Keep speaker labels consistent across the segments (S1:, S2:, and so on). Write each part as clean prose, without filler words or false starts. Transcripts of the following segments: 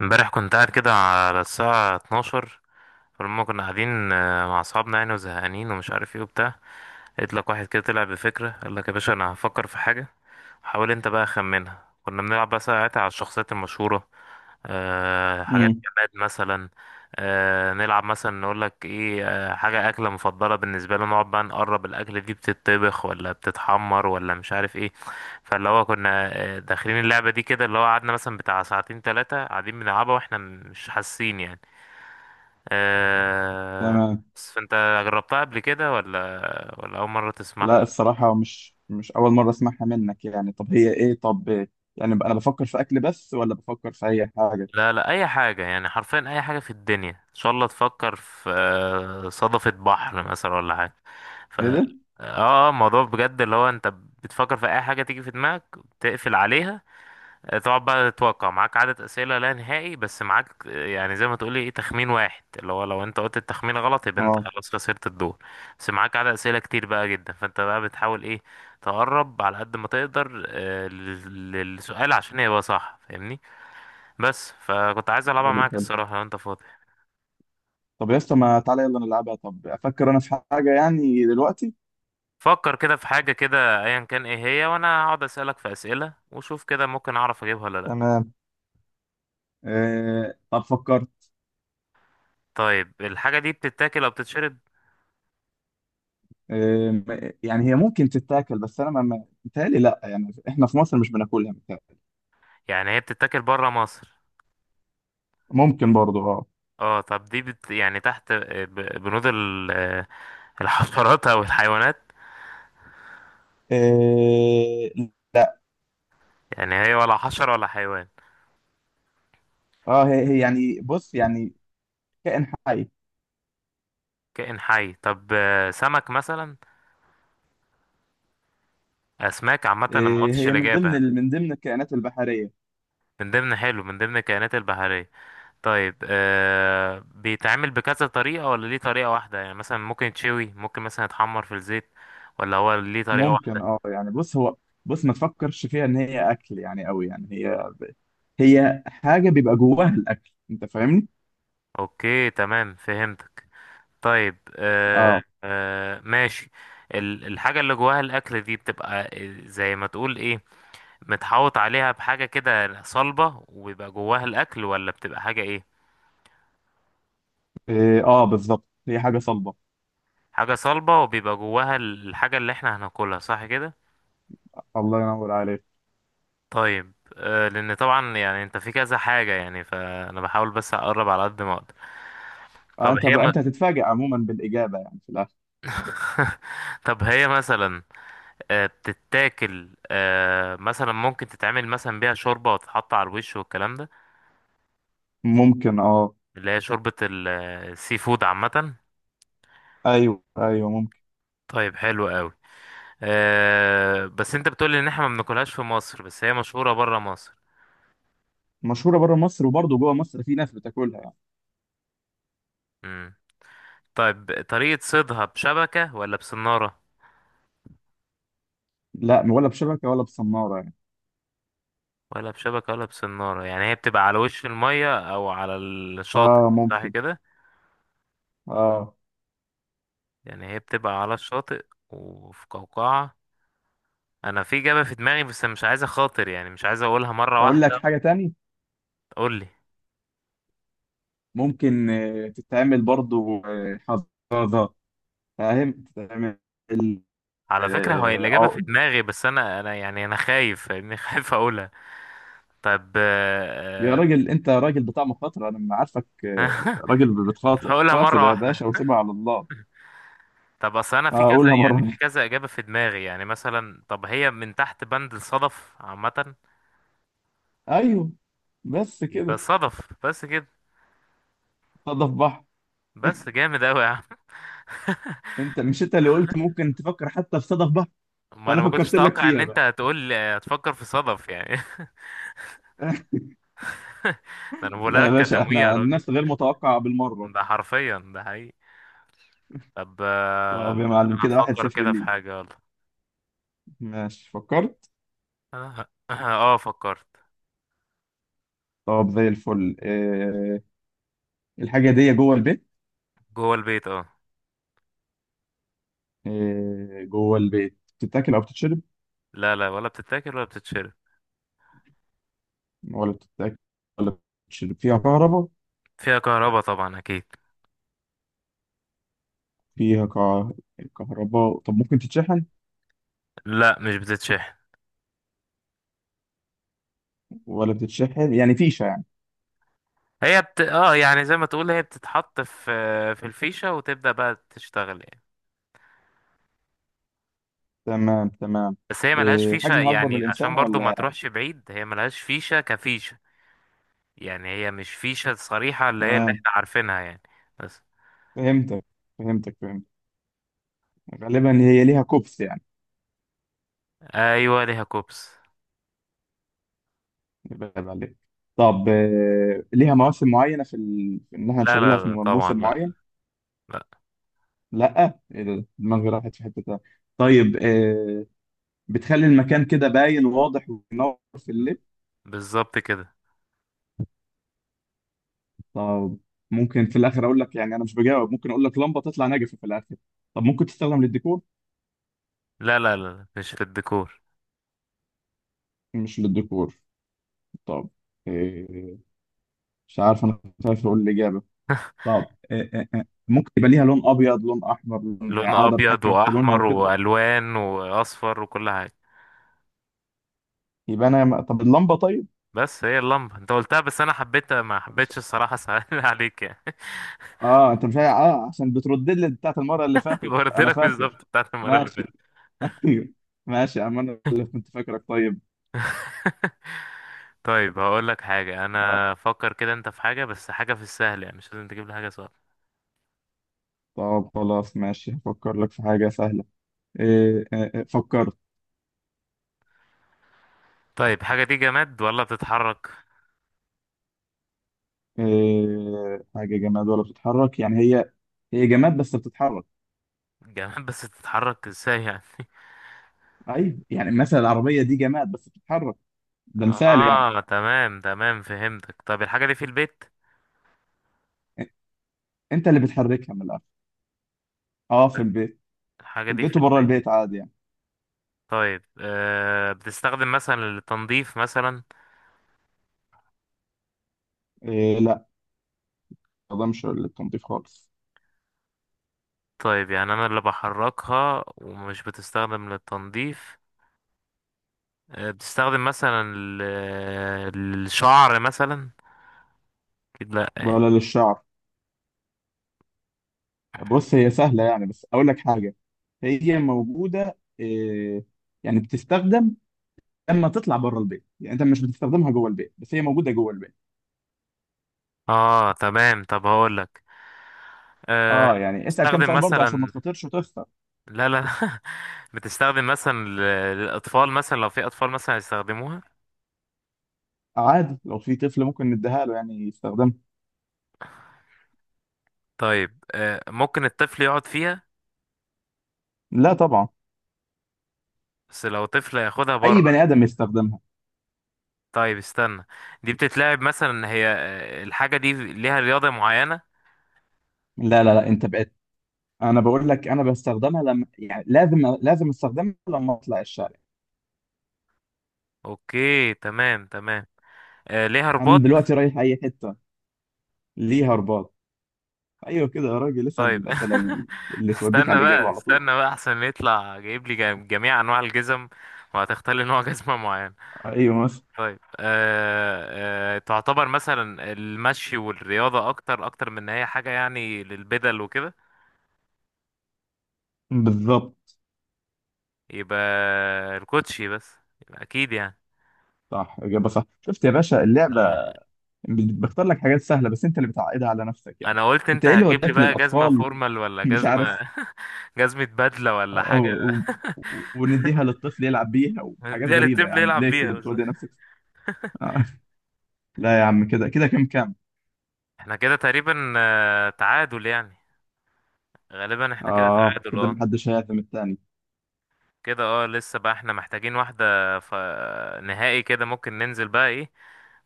S1: امبارح كنت قاعد كده على الساعة 12. فلما كنا قاعدين مع أصحابنا يعني وزهقانين ومش عارف ايه وبتاع، لقيت لك واحد كده طلع بفكرة، قال لك يا باشا أنا هفكر في حاجة، حاول انت بقى خمنها. كنا بنلعب بقى ساعتها على الشخصيات المشهورة. أه، حاجات
S2: امم.
S1: جماد مثلا. نلعب مثلا، نقول لك ايه، حاجة أكلة مفضلة بالنسبة لنا، نقعد بقى نقرب الأكلة دي بتتطبخ ولا بتتحمر ولا مش عارف ايه. فاللي هو كنا داخلين اللعبة دي كده، اللي هو قعدنا مثلا بتاع ساعتين تلاتة قاعدين بنلعبها واحنا مش حاسين يعني. أه.
S2: تمام.
S1: بس فانت جربتها قبل كده ولا، ولا أول مرة تسمعها؟
S2: لا، الصراحة مش أول مرة أسمعها منك، يعني طب هي إيه، طب إيه؟ يعني أنا بفكر في أكل بس ولا بفكر في أي حاجة؟
S1: لا لا، اي حاجة، يعني حرفيا اي حاجة في الدنيا ان شاء الله تفكر في صدفة بحر مثلا ولا حاجة. ف
S2: إيه
S1: اه
S2: ده؟
S1: الموضوع بجد اللي هو انت بتفكر في اي حاجة تيجي في دماغك تقفل عليها. تقعد بقى تتوقع، معاك عدد اسئلة لا نهائي، بس معاك يعني زي ما تقولي ايه تخمين واحد، اللي هو لو انت قلت التخمين غلط يبقى انت
S2: آه،
S1: خلاص خسرت الدور. بس معاك عدد اسئلة كتير بقى جدا، فانت بقى بتحاول ايه، تقرب على قد ما تقدر للسؤال عشان يبقى صح فاهمني. بس فكنت عايز العبها
S2: حلو
S1: معاك
S2: حلو.
S1: الصراحه لو انت فاضي.
S2: طب يا اسطى، ما تعالى يلا نلعبها. طب أفكر أنا في حاجة يعني دلوقتي.
S1: فكر كده في حاجه كده ايا كان ايه هي، وانا هقعد اسالك في اسئله وشوف كده ممكن اعرف اجيبها ولا لا.
S2: تمام. آه، طب فكرت.
S1: طيب الحاجه دي بتتاكل او بتتشرب؟
S2: يعني هي ممكن تتاكل، بس أنا متهيألي لأ، يعني إحنا في مصر مش بناكلها متهيألي.
S1: يعني هي بتتاكل بره مصر؟
S2: ممكن برضه، آه.
S1: اه، طب دي يعني تحت، بنود الحشرات او الحيوانات؟
S2: آه، لأ.
S1: يعني هي ولا حشره ولا حيوان؟
S2: آه، هي يعني، بص يعني. كائن حي.
S1: كائن حي. طب سمك مثلا؟ اسماك عامه، انا ما
S2: إيه،
S1: قلتش
S2: هي
S1: الاجابه هنا.
S2: من ضمن الكائنات البحرية.
S1: من ضمن، حلو، من ضمن الكائنات البحريه. طيب بيتعمل بكذا طريقة ولا ليه طريقة واحدة؟ يعني مثلا ممكن يتشوي، ممكن مثلا يتحمر في الزيت، ولا هو ليه طريقة
S2: ممكن
S1: واحدة؟
S2: يعني، بص هو، بص ما تفكرش فيها ان هي اكل يعني قوي، يعني هي هي حاجة بيبقى جواها الاكل، انت فاهمني؟
S1: اوكي، تمام، فهمتك. طيب
S2: اه.
S1: آه، ماشي. الحاجة اللي جواها الأكل دي بتبقى زي ما تقول ايه، متحوط عليها بحاجة كده صلبة وبيبقى جواها الأكل، ولا بتبقى حاجة ايه؟
S2: إيه، اه بالظبط، هي حاجة صلبة.
S1: حاجة صلبة، وبيبقى جواها الحاجة اللي احنا هناكلها، صح كده؟
S2: الله ينور عليك.
S1: طيب لان طبعا يعني انت في كذا حاجة، يعني فانا بحاول بس اقرب على قد ما اقدر.
S2: آه،
S1: طب
S2: انت
S1: هي م...
S2: بقى هتتفاجئ عموما بالإجابة يعني في الاخر.
S1: طب هي مثلا، بتتاكل، مثلا ممكن تتعمل مثلا بيها شوربة وتتحط على الوش والكلام ده؟
S2: ممكن، اه.
S1: اللي هي شوربة السي فود عامة.
S2: ايوه ايوه ممكن.
S1: طيب حلو قوي. بس انت بتقولي ان احنا ما بناكلهاش في مصر، بس هي مشهورة برا مصر.
S2: مشهورة بره مصر وبرضه جوه مصر في ناس بتاكلها يعني.
S1: مم. طيب طريقة صيدها بشبكة ولا بصنارة؟
S2: لا، ولا بشبكة ولا بصنارة يعني.
S1: ولا بشبكة ولا بسنارة، يعني هي بتبقى على وش المية أو على الشاطئ،
S2: اه
S1: صح
S2: ممكن.
S1: كده؟
S2: اه.
S1: يعني هي بتبقى على الشاطئ وفي قوقعة. أنا في إجابة في دماغي بس مش عايز أخاطر، يعني مش عايز أقولها مرة
S2: اقول
S1: واحدة.
S2: لك حاجة تاني.
S1: قول لي.
S2: ممكن تتعمل برضو حفاضة. فاهم تتعمل.
S1: على فكرة، هو الإجابة في
S2: عقد.
S1: دماغي، بس أنا أنا يعني أنا خايف فاهمني، خايف أقولها. طب،
S2: يا راجل، انت راجل بتاع مخاطرة، انا ما عارفك
S1: آه،
S2: راجل بتخاطر،
S1: هقولها
S2: خاطر
S1: مرة
S2: يا
S1: واحدة.
S2: باشا وسيبها على الله.
S1: طب أصل أنا في كذا،
S2: هقولها مرة
S1: يعني في
S2: واحدة.
S1: كذا إجابة في دماغي، يعني مثلا، طب هي من تحت بند الصدف عامة؟
S2: ايوه، بس
S1: يبقى
S2: كده.
S1: الصدف بس كده؟
S2: صدف بحر.
S1: بس جامد أوي يا عم.
S2: انت، مش انت اللي قلت ممكن تفكر حتى في صدف بحر؟ فانا
S1: ما انت كنتش
S2: فكرت
S1: بتكسب،
S2: لك
S1: اتوقع ان الفكره
S2: فيها
S1: انت
S2: بقى.
S1: هتقول هتفكر في صدف يعني. ده انا بقول
S2: لا يا
S1: لك
S2: باشا،
S1: كتمويه يا
S2: احنا
S1: راجل.
S2: الناس غير متوقعة بالمرة.
S1: ده حرفيا ده حقيقي. طب
S2: طب يا
S1: انا
S2: معلم، كده واحد
S1: هفكر
S2: صفر
S1: كده في
S2: ليك.
S1: حاجه، يلا.
S2: ماشي فكرت.
S1: اه. فكرت.
S2: طب زي الفل. الحاجه دي جوه البيت.
S1: جوه البيت، اه.
S2: جوه البيت بتتاكل او بتتشرب؟
S1: لا لا، ولا بتتاكل ولا بتتشرب.
S2: ولا بتتاكل ولا بتتشرب. فيها كهرباء.
S1: فيها كهرباء طبعا اكيد.
S2: فيها كه- كهرباء. طب ممكن تتشحن؟
S1: لا، مش بتتشحن.
S2: ولا بتتشحن يعني، فيشه يعني.
S1: اه، يعني زي ما تقول هي بتتحط في الفيشه وتبدا بقى تشتغل يعني.
S2: تمام تمام.
S1: بس هي ملهاش فيشه،
S2: حجمها اكبر من
S1: يعني عشان
S2: الانسان
S1: برضو ما
S2: ولا؟
S1: تروحش بعيد، هي ملهاش فيشه كفيشه. يعني هي مش فيشة صريحة اللي هي اللي
S2: تمام،
S1: احنا عارفينها يعني. بس.
S2: فهمتك فهمتك فهمتك. غالبا هي ليها كوبس يعني.
S1: ايوه، ليها كوبس.
S2: يبقى عيب عليك. طب ليها مواسم معينه في ان احنا
S1: لا لا
S2: نشغلها في
S1: لا، طبعا
S2: موسم
S1: لا.
S2: معين؟
S1: لا.
S2: لا، ايه ده، دماغي راحت في حته تانية. طيب. بتخلي المكان كده باين وواضح وبينور في الليل.
S1: بالظبط كده.
S2: طب ممكن في الاخر اقول لك، يعني انا مش بجاوب، ممكن اقول لك لمبه تطلع ناجفه في الاخر. طب ممكن تستخدم للديكور؟
S1: لا لا لا لا، مش في الديكور.
S2: مش للديكور. طب إيه؟ مش عارف، انا خايف اقول الاجابه. طب إيه ممكن يبقى ليها لون ابيض لون احمر لون،
S1: لون
S2: يعني اقدر
S1: ابيض
S2: اتحكم في لونها
S1: واحمر
S2: وكده؟
S1: والوان واصفر وكل حاجة.
S2: يبقى انا طب اللمبه، طيب.
S1: بس هي اللمبة انت قلتها، بس انا حبيتها ما
S2: مش-
S1: حبيتش الصراحة، سهل عليك يعني.
S2: اه انت مش عا- اه عشان بتردد لي بتاعت المره اللي فاتت
S1: قلت
S2: انا
S1: لك
S2: فاكر.
S1: بالظبط بتاعت المرة اللي
S2: ماشي.
S1: فاتت.
S2: ايوه. ماشي يا عم، انا اللي كنت فاكرك طيب.
S1: طيب هقول لك حاجة،
S2: آه.
S1: انا فكر كده انت في حاجة، بس حاجة في السهل يعني، مش لازم تجيب لي حاجة صعبة.
S2: طب خلاص ماشي، هفكر لك في حاجة سهلة. إيه، فكرت.
S1: طيب حاجة دي جماد ولا بتتحرك؟
S2: إيه، حاجة جماد ولا بتتحرك، يعني هي؟ هي جماد بس بتتحرك.
S1: جمال بس تتحرك ازاي يعني؟
S2: أيوة، يعني مثلا العربية دي جماد بس بتتحرك، ده مثال يعني.
S1: اه، تمام تمام فهمتك. طب الحاجة دي في البيت؟
S2: إ- أنت اللي بتحركها من الآخر. أه، في البيت.
S1: الحاجة
S2: في
S1: دي
S2: البيت
S1: في
S2: وبره
S1: البيت.
S2: البيت عادي يعني.
S1: طيب بتستخدم مثلا للتنظيف مثلا؟
S2: إيه، لا. ده مش للتنظيف خالص.
S1: طيب يعني انا اللي بحركها ومش بتستخدم للتنظيف. بتستخدم مثلا للشعر مثلا؟ اكيد لا يعني.
S2: ولا للشعر. بص هي سهلة يعني، بس أقول لك حاجة، هي موجودة إيه، يعني بتستخدم لما تطلع بره البيت، يعني أنت مش بتستخدمها جوه البيت بس هي موجودة جوه البيت.
S1: اه، تمام. طب هقول لك. آه
S2: اه، يعني اسأل كام
S1: بتستخدم
S2: سؤال برضه عشان ما
S1: مثلا،
S2: تخاطرش وتخسر.
S1: لا لا، بتستخدم مثلا للاطفال مثلا، لو في اطفال مثلا يستخدموها؟
S2: عادي، لو في طفل ممكن نديها له يعني يستخدمها.
S1: طيب ممكن الطفل يقعد فيها؟
S2: لا طبعا.
S1: بس لو طفل ياخدها
S2: اي
S1: بره.
S2: بني ادم يستخدمها.
S1: طيب استنى. دي بتتلعب مثلا، هي الحاجة دي ليها رياضة معينة؟
S2: لا لا لا، انت بقيت. انا بقول لك، انا بستخدمها لما يعني لازم لازم استخدمها لما اطلع الشارع.
S1: اوكي، تمام تمام. ليها رباط.
S2: انا دلوقتي رايح اي حته. ليها رباط. ايوه كده يا راجل، اسأل
S1: طيب
S2: الاسئله اللي توديك
S1: استنى
S2: على الاجابه
S1: بقى
S2: على طول.
S1: استنى بقى، احسن يطلع جايب لي جميع انواع الجزم، وهتختار لي نوع جزمة معين.
S2: ايوه مثلا.
S1: طيب أه أه تعتبر مثلا المشي والرياضة اكتر اكتر من ان هي حاجة يعني للبدل وكده؟
S2: بالظبط.
S1: يبقى الكوتشي بس؟ يبقى اكيد يعني.
S2: صح، اجابه صح، شفت يا باشا اللعبه؟
S1: انا
S2: بختار لك حاجات سهله بس انت اللي بتعقدها على نفسك يعني.
S1: أنا قلت
S2: انت
S1: انت
S2: ايه اللي
S1: هتجيب لي
S2: وداك
S1: بقى جزمه
S2: للاطفال؟
S1: فورمال ولا
S2: مش
S1: جزمه
S2: عارف.
S1: جزمه بدله ولا حاجه.
S2: و- و- ونديها للطفل يلعب بيها وحاجات
S1: دي
S2: غريبة، يا
S1: الطفل
S2: عم
S1: يلعب
S2: ليه
S1: بيها
S2: كده
S1: بس.
S2: بتودي نفسك؟ آه. لا يا عم، كده كده كام كام.
S1: احنا كده تقريبا تعادل يعني. غالبا احنا كده
S2: اه،
S1: تعادل،
S2: كده
S1: اه.
S2: محدش هيهاجم التاني.
S1: كده، اه. لسه بقى احنا محتاجين واحده. ف... نهائي كده ممكن ننزل بقى ايه،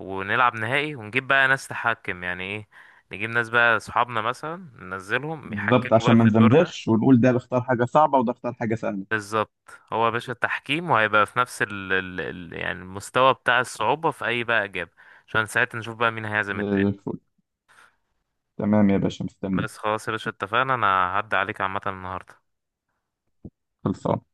S1: ونلعب نهائي ونجيب بقى ناس تحكم، يعني ايه، نجيب ناس بقى اصحابنا مثلا ننزلهم
S2: بالظبط،
S1: يحكموا
S2: عشان
S1: بقى
S2: ما
S1: في الدور ده.
S2: نزمزغش ونقول ده بيختار حاجة صعبة وده اختار حاجة سهلة.
S1: بالظبط هو يا باشا التحكيم، وهيبقى في نفس ال ال ال يعني المستوى بتاع الصعوبة في أي بقى إجابة، عشان ساعتها نشوف بقى مين هيعزم
S2: زي
S1: التاني.
S2: الفل. تمام يا باشا، مستنيك.
S1: بس، خلاص يا باشا، اتفقنا. أنا هعدي عليك عامة النهاردة.
S2: خلصان